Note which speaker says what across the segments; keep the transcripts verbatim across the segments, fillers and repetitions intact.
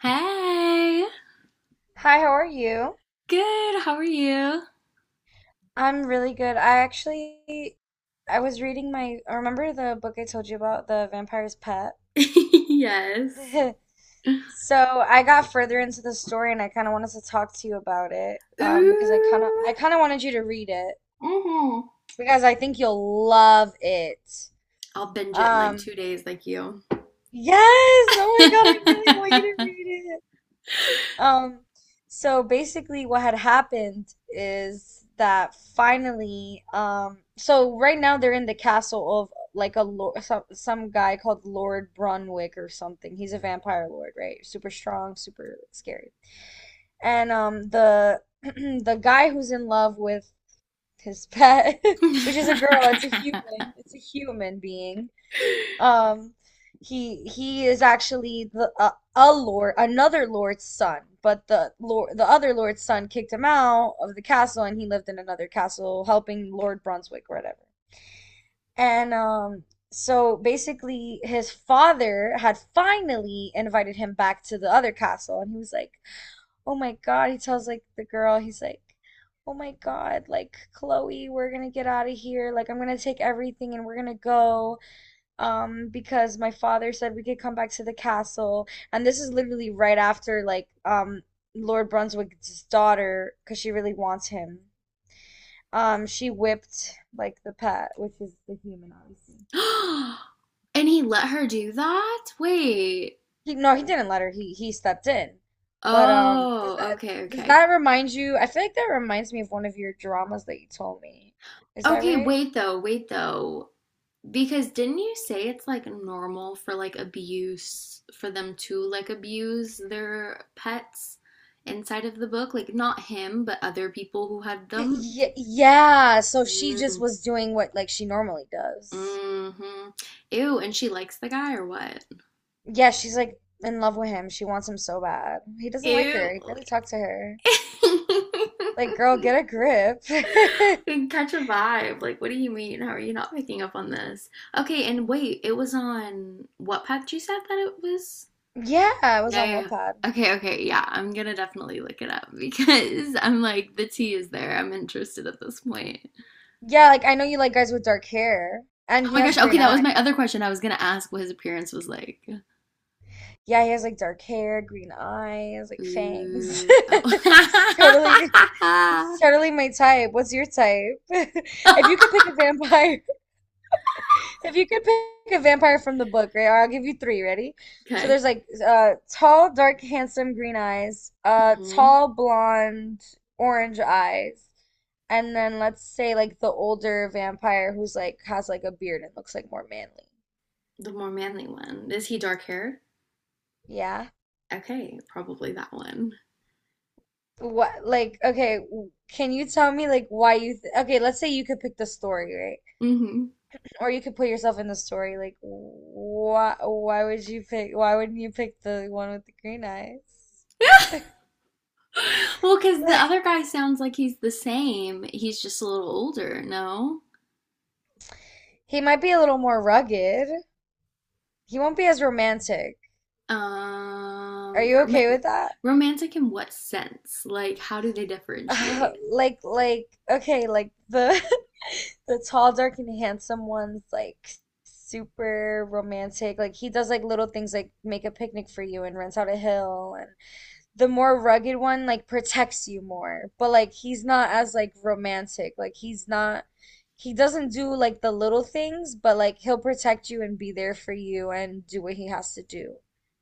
Speaker 1: Hey,
Speaker 2: Hi, how are you?
Speaker 1: good. How are you?
Speaker 2: I'm really good. I actually I was reading my remember the book I told you about, The Vampire's Pet?
Speaker 1: Yes.
Speaker 2: So I got further into the story and I kind of wanted to talk to you about it um because I kind of I
Speaker 1: Ooh.
Speaker 2: kind of wanted you to read it
Speaker 1: Mm-hmm.
Speaker 2: because I think you'll love it.
Speaker 1: I'll binge it in like
Speaker 2: Um
Speaker 1: two days, like you.
Speaker 2: yes, oh my God, I really
Speaker 1: And
Speaker 2: want you to read. Um, so basically what had happened is that finally, um, so right now they're in the castle of like a lord, some, some guy called Lord Brunwick or something. He's a vampire lord, right? Super strong, super scary. And um the the guy who's in love with his pet, which is a girl, it's a human, it's a human being. Um, he he is actually the uh, a lord, another lord's son, but the lord, the other lord's son kicked him out of the castle, and he lived in another castle helping Lord Brunswick or whatever. And um, so basically, his father had finally invited him back to the other castle, and he was like, "Oh my God!" He tells like the girl, he's like, "Oh my God, like Chloe, we're gonna get out of here. Like, I'm gonna take everything and we're gonna go um because my father said we could come back to the castle and this is literally right after like um Lord Brunswick's daughter because she really wants him um she whipped like the pet which is the human obviously."
Speaker 1: he let her do that? Wait.
Speaker 2: He, no, he didn't let her, he he stepped in. But um does
Speaker 1: Oh,
Speaker 2: that,
Speaker 1: okay,
Speaker 2: does
Speaker 1: okay.
Speaker 2: that remind you? I feel like that reminds me of one of your dramas that you told me. Is that
Speaker 1: Okay,
Speaker 2: right?
Speaker 1: wait though, wait though. Because didn't you say it's like normal for like abuse for them to like abuse their pets inside of the book? Like not him, but other people who had
Speaker 2: Y-
Speaker 1: them.
Speaker 2: y- yeah so she just
Speaker 1: Mm,
Speaker 2: was doing what like she normally does.
Speaker 1: hmm. Ew, and she likes the guy or what?
Speaker 2: Yeah, she's like in love with him. She wants him so bad. He doesn't like
Speaker 1: Ew.
Speaker 2: her. He barely talks to her. Like, girl, get a grip.
Speaker 1: Can catch a vibe. Like, what do you mean? How are you not picking up on this? Okay, and wait, it was on what path you said that it was?
Speaker 2: Yeah, it was
Speaker 1: Yeah,
Speaker 2: on
Speaker 1: yeah,
Speaker 2: Wattpad.
Speaker 1: yeah. Okay, okay. Yeah, I'm gonna definitely look it up because I'm like the tea is there. I'm interested at this point.
Speaker 2: Yeah, like I know you like guys with dark hair,
Speaker 1: Oh
Speaker 2: and he
Speaker 1: my gosh.
Speaker 2: has
Speaker 1: Okay,
Speaker 2: green
Speaker 1: that was my
Speaker 2: eyes.
Speaker 1: other question. I was gonna ask what his appearance was like.
Speaker 2: Yeah, he has like dark hair, green eyes, like fangs.
Speaker 1: Ooh.
Speaker 2: It's totally,
Speaker 1: Oh.
Speaker 2: he's totally my type. What's your type? If you could pick a vampire, If you could pick a vampire from the book, right? Or I'll give you three. Ready? So
Speaker 1: Okay.
Speaker 2: there's like uh, tall, dark, handsome, green eyes, uh,
Speaker 1: Hmm.
Speaker 2: tall, blonde, orange eyes, and then let's say like the older vampire who's like has like a beard and looks like more manly.
Speaker 1: The more manly one. Is he dark haired?
Speaker 2: Yeah.
Speaker 1: Okay, probably that one.
Speaker 2: What, like, okay? w- Can you tell me like why you th okay? Let's say you could pick the story, right?
Speaker 1: Hmm.
Speaker 2: Or you could put yourself in the story. Like, why? Why would you pick? Why wouldn't you pick the one with the green eyes?
Speaker 1: Well, because the other guy sounds like he's the same. He's just a little older, no?
Speaker 2: He might be a little more rugged. He won't be as romantic. Are
Speaker 1: Um,
Speaker 2: you okay
Speaker 1: rom-
Speaker 2: with that?
Speaker 1: Romantic in what sense? Like, how do they
Speaker 2: Uh,
Speaker 1: differentiate?
Speaker 2: like like okay, like the the tall, dark, and handsome one's like super romantic. Like he does like little things like make a picnic for you and rents out a hill, and the more rugged one like protects you more, but like he's not as like romantic. Like he's not he doesn't do like the little things, but like he'll protect you and be there for you and do what he has to do.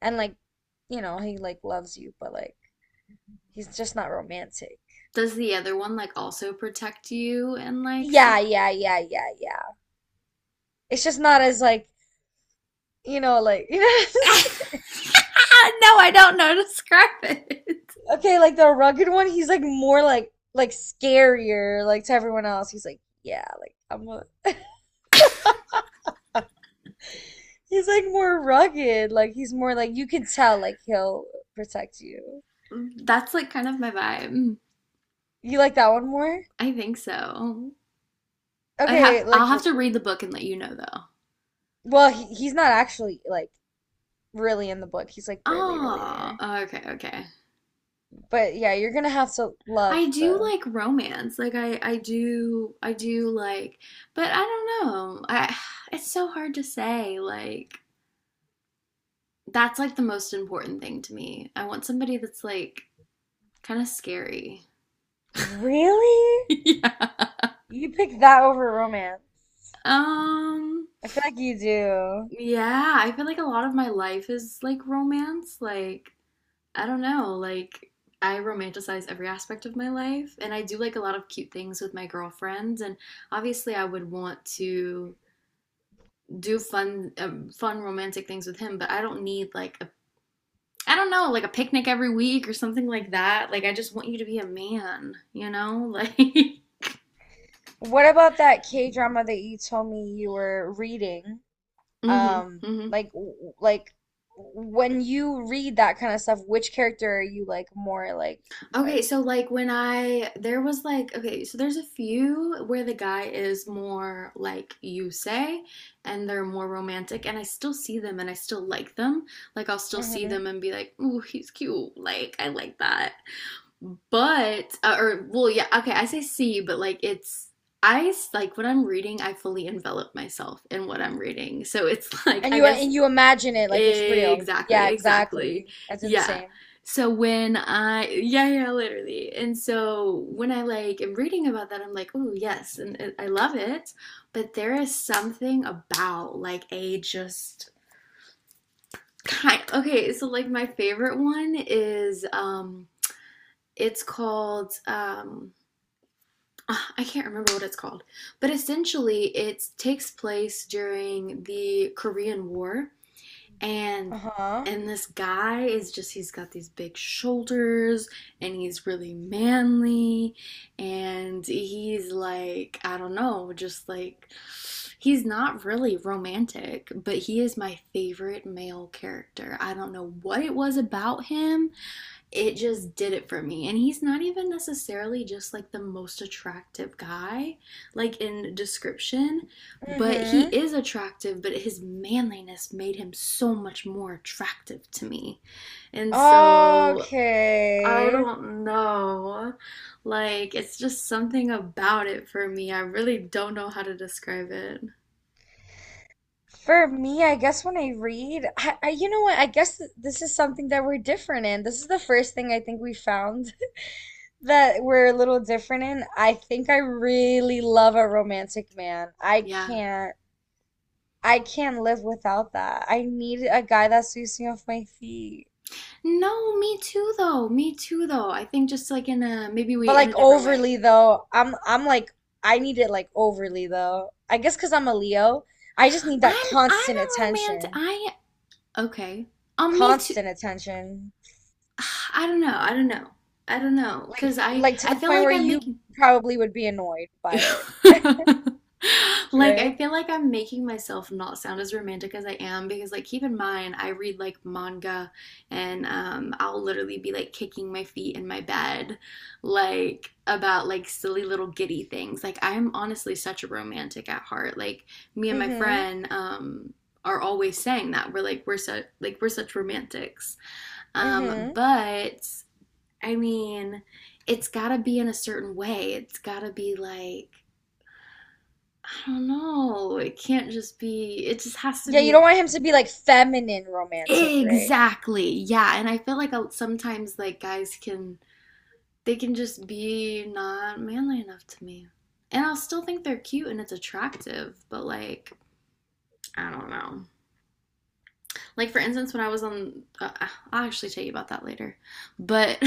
Speaker 2: And like, you know, he like loves you, but like he's just not romantic.
Speaker 1: Does the other one like also protect you and like
Speaker 2: Yeah,
Speaker 1: stuff?
Speaker 2: yeah, yeah, yeah, yeah. It's just not as like, you know, like, you know.
Speaker 1: No, I don't know how to describe it.
Speaker 2: Okay, like the rugged one, he's like more like like scarier like to everyone else. He's like, yeah, like I'm gonna He's like more rugged. Like he's more like you can tell like he'll protect you.
Speaker 1: That's like kind of my vibe.
Speaker 2: You like that one more?
Speaker 1: I think so. I'd have
Speaker 2: Okay, like,
Speaker 1: I'll have to read the book and let you know though.
Speaker 2: well, he, he's not actually like really in the book. He's like barely really
Speaker 1: Oh,
Speaker 2: there.
Speaker 1: okay, okay.
Speaker 2: But yeah, you're gonna have to love
Speaker 1: I do
Speaker 2: the.
Speaker 1: like romance. Like I I do, I do like, but I don't know. I it's so hard to say like that's like the most important thing to me. I want somebody that's like kind of scary.
Speaker 2: Really?
Speaker 1: Yeah.
Speaker 2: You pick that over romance.
Speaker 1: Um
Speaker 2: I feel like you do.
Speaker 1: yeah, I feel like a lot of my life is like romance. Like I don't know, like I romanticize every aspect of my life and I do like a lot of cute things with my girlfriends and obviously I would want to do fun um, fun romantic things with him, but I don't need like a, I don't know, like a picnic every week or something like that. Like I just want you to be a man, you know? Like
Speaker 2: What about that K drama that you told me you were reading?
Speaker 1: Mhm.
Speaker 2: um
Speaker 1: Mhm.
Speaker 2: like like when you read that kind of stuff, which character are you like more like? uh,
Speaker 1: Okay, so like when I, there was like, okay, so there's a few where the guy is more like you say, and they're more romantic and I still see them and I still like them. Like I'll still see
Speaker 2: mhm.
Speaker 1: them and be like, "Ooh, he's cute." Like I like that. But uh, or well, yeah, okay, I say see, but like it's, I s- like when I'm reading, I fully envelop myself in what I'm reading. So it's like
Speaker 2: And
Speaker 1: I
Speaker 2: you
Speaker 1: guess.
Speaker 2: and you imagine it like it's real. Yeah,
Speaker 1: Exactly, exactly.
Speaker 2: exactly. I do the
Speaker 1: Yeah.
Speaker 2: same.
Speaker 1: So when I, yeah, yeah, literally. And so when I like am reading about that, I'm like, oh, yes, and it, I love it. But there is something about like a just kind, okay, so like my favorite one is, um, it's called, um, ah, I can't remember what it's called, but essentially it takes place during the Korean War. and
Speaker 2: Uh-huh.
Speaker 1: and this guy is just, he's got these big shoulders and he's really manly and he's like, I don't know, just like he's not really romantic, but he is my favorite male character. I don't know what it was about him, it just did it for me. And he's not even necessarily just like the most attractive guy, like in description, but he
Speaker 2: Mm-hmm.
Speaker 1: is attractive, but his manliness made him so much more attractive to me. And so I
Speaker 2: Okay.
Speaker 1: don't know. Like, it's just something about it for me. I really don't know how to describe it.
Speaker 2: For me, I guess when I read, I, I, you know what? I guess th- this is something that we're different in. This is the first thing I think we found that we're a little different in. I think I really love a romantic man. I
Speaker 1: Yeah.
Speaker 2: can't I can't live without that. I need a guy that sweeps me off my feet.
Speaker 1: No, me too though. Me too though. I think just like in a, maybe
Speaker 2: But
Speaker 1: we in a
Speaker 2: like
Speaker 1: different way.
Speaker 2: overly though, I'm I'm like I need it like overly though. I guess 'cause I'm a Leo, I just need that
Speaker 1: I'm I'm
Speaker 2: constant
Speaker 1: a romantic,
Speaker 2: attention.
Speaker 1: I, okay. Um, me too.
Speaker 2: Constant attention.
Speaker 1: I don't know. I don't know. I don't know.
Speaker 2: Like
Speaker 1: Cause I
Speaker 2: like to
Speaker 1: I
Speaker 2: the
Speaker 1: feel
Speaker 2: point
Speaker 1: like
Speaker 2: where
Speaker 1: I'm
Speaker 2: you
Speaker 1: making,
Speaker 2: probably would be annoyed by it,
Speaker 1: like
Speaker 2: right?
Speaker 1: I feel like I'm making myself not sound as romantic as I am because like keep in mind I read like manga and um I'll literally be like kicking my feet in my bed like about like silly little giddy things. Like I'm honestly such a romantic at heart. Like me and my
Speaker 2: Mm-hmm.
Speaker 1: friend um are always saying that we're like, we're such, like we're such romantics. Um,
Speaker 2: Mm-hmm.
Speaker 1: but I mean, it's gotta be in a certain way. It's gotta be like, I don't know. It can't just be, it just has to
Speaker 2: Yeah, you don't
Speaker 1: be,
Speaker 2: want him to be like feminine romantic, right?
Speaker 1: exactly. Yeah. And I feel like uh, sometimes like guys can, they can just be not manly enough to me. And I'll still think they're cute and it's attractive, but like, I don't know. Like for instance, when I was on, uh, I'll actually tell you about that later. But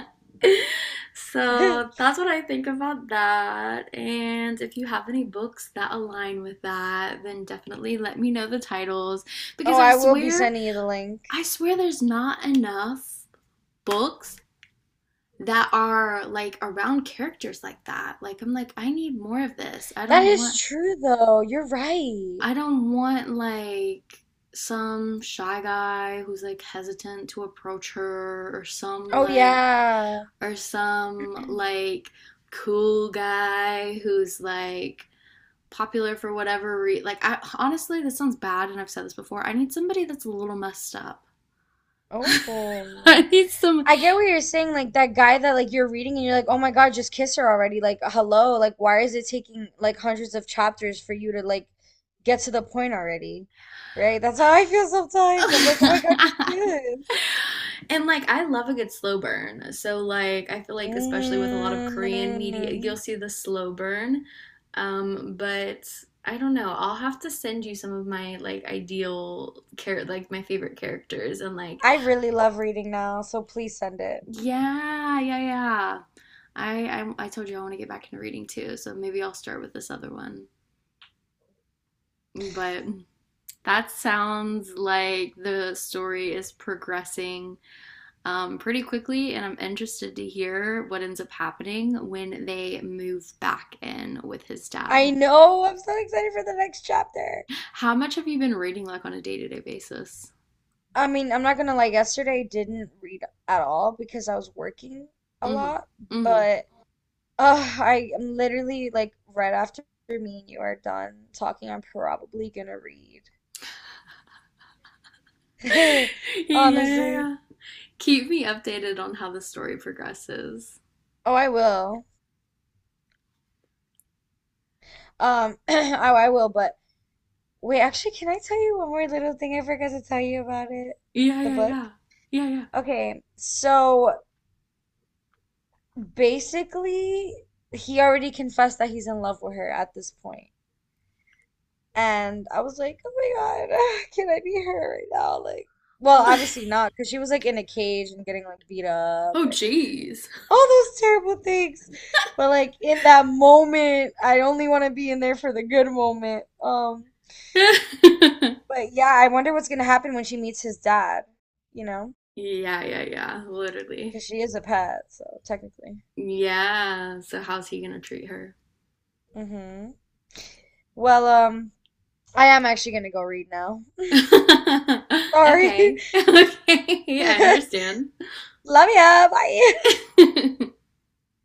Speaker 1: so that's what I think about that. And if you have any books that align with that, then definitely let me know the titles
Speaker 2: Oh,
Speaker 1: because I
Speaker 2: I will be
Speaker 1: swear,
Speaker 2: sending you the link.
Speaker 1: I swear, there's not enough books that are like around characters like that. Like I'm like I need more of this. I
Speaker 2: That
Speaker 1: don't
Speaker 2: is
Speaker 1: want,
Speaker 2: true though. You're right.
Speaker 1: I don't want like some shy guy who's like hesitant to approach her, or some
Speaker 2: Oh
Speaker 1: like,
Speaker 2: yeah.
Speaker 1: or some like cool guy who's like popular for whatever reason. Like I honestly, this sounds bad and I've said this before. I need somebody that's a little messed up. I
Speaker 2: Oh.
Speaker 1: need some
Speaker 2: I get what you're saying, like that guy that like you're reading and you're like, "Oh my God, just kiss her already." Like, hello, like why is it taking like hundreds of chapters for you to like get to the point already? Right? That's how I feel sometimes. I'm like, "Oh my God, just kiss."
Speaker 1: and like I love a good slow burn. So like I feel like especially with a lot of Korean media, you'll
Speaker 2: Mm.
Speaker 1: see the slow burn. Um, but I don't know. I'll have to send you some of my like ideal char- like my favorite characters and like
Speaker 2: I really love reading now, so please send it.
Speaker 1: yeah, yeah, yeah. I I, I told you I want to get back into reading too, so maybe I'll start with this other one. But that sounds like the story is progressing, um, pretty quickly, and I'm interested to hear what ends up happening when they move back in with his
Speaker 2: I
Speaker 1: dad.
Speaker 2: know. I'm so excited for the next chapter.
Speaker 1: How much have you been reading like on a day to day basis?
Speaker 2: I mean, I'm not gonna lie, yesterday I didn't read at all because I was working a
Speaker 1: Mm-hmm.
Speaker 2: lot,
Speaker 1: Mm-hmm.
Speaker 2: but uh, I am literally like right after me and you are done talking, I'm probably gonna read.
Speaker 1: Yeah, yeah,
Speaker 2: Honestly.
Speaker 1: yeah. Keep me updated on how the story progresses.
Speaker 2: Oh, I will. Um, oh, I will, but wait, actually, can I tell you one more little thing I forgot to tell you about it?
Speaker 1: Yeah,
Speaker 2: The
Speaker 1: yeah,
Speaker 2: book?
Speaker 1: yeah. Yeah, yeah.
Speaker 2: Okay, so basically, he already confessed that he's in love with her at this point. And I was like, oh my God, can I be her right now? Like, well,
Speaker 1: Oh,
Speaker 2: obviously not, because she was like in a cage and getting like beat up and
Speaker 1: jeez.
Speaker 2: all those terrible things. But like in that moment, I only want to be in there for the good moment. Um,
Speaker 1: Yeah,
Speaker 2: but yeah, I wonder what's gonna happen when she meets his dad, you know?
Speaker 1: yeah, yeah. Literally.
Speaker 2: Because she is a pet, so technically.
Speaker 1: Yeah. So how's he gonna treat her?
Speaker 2: Mm-hmm. Well, um, I am actually gonna go read now. Sorry.
Speaker 1: Okay. Okay. I understand.
Speaker 2: Love ya. Bye.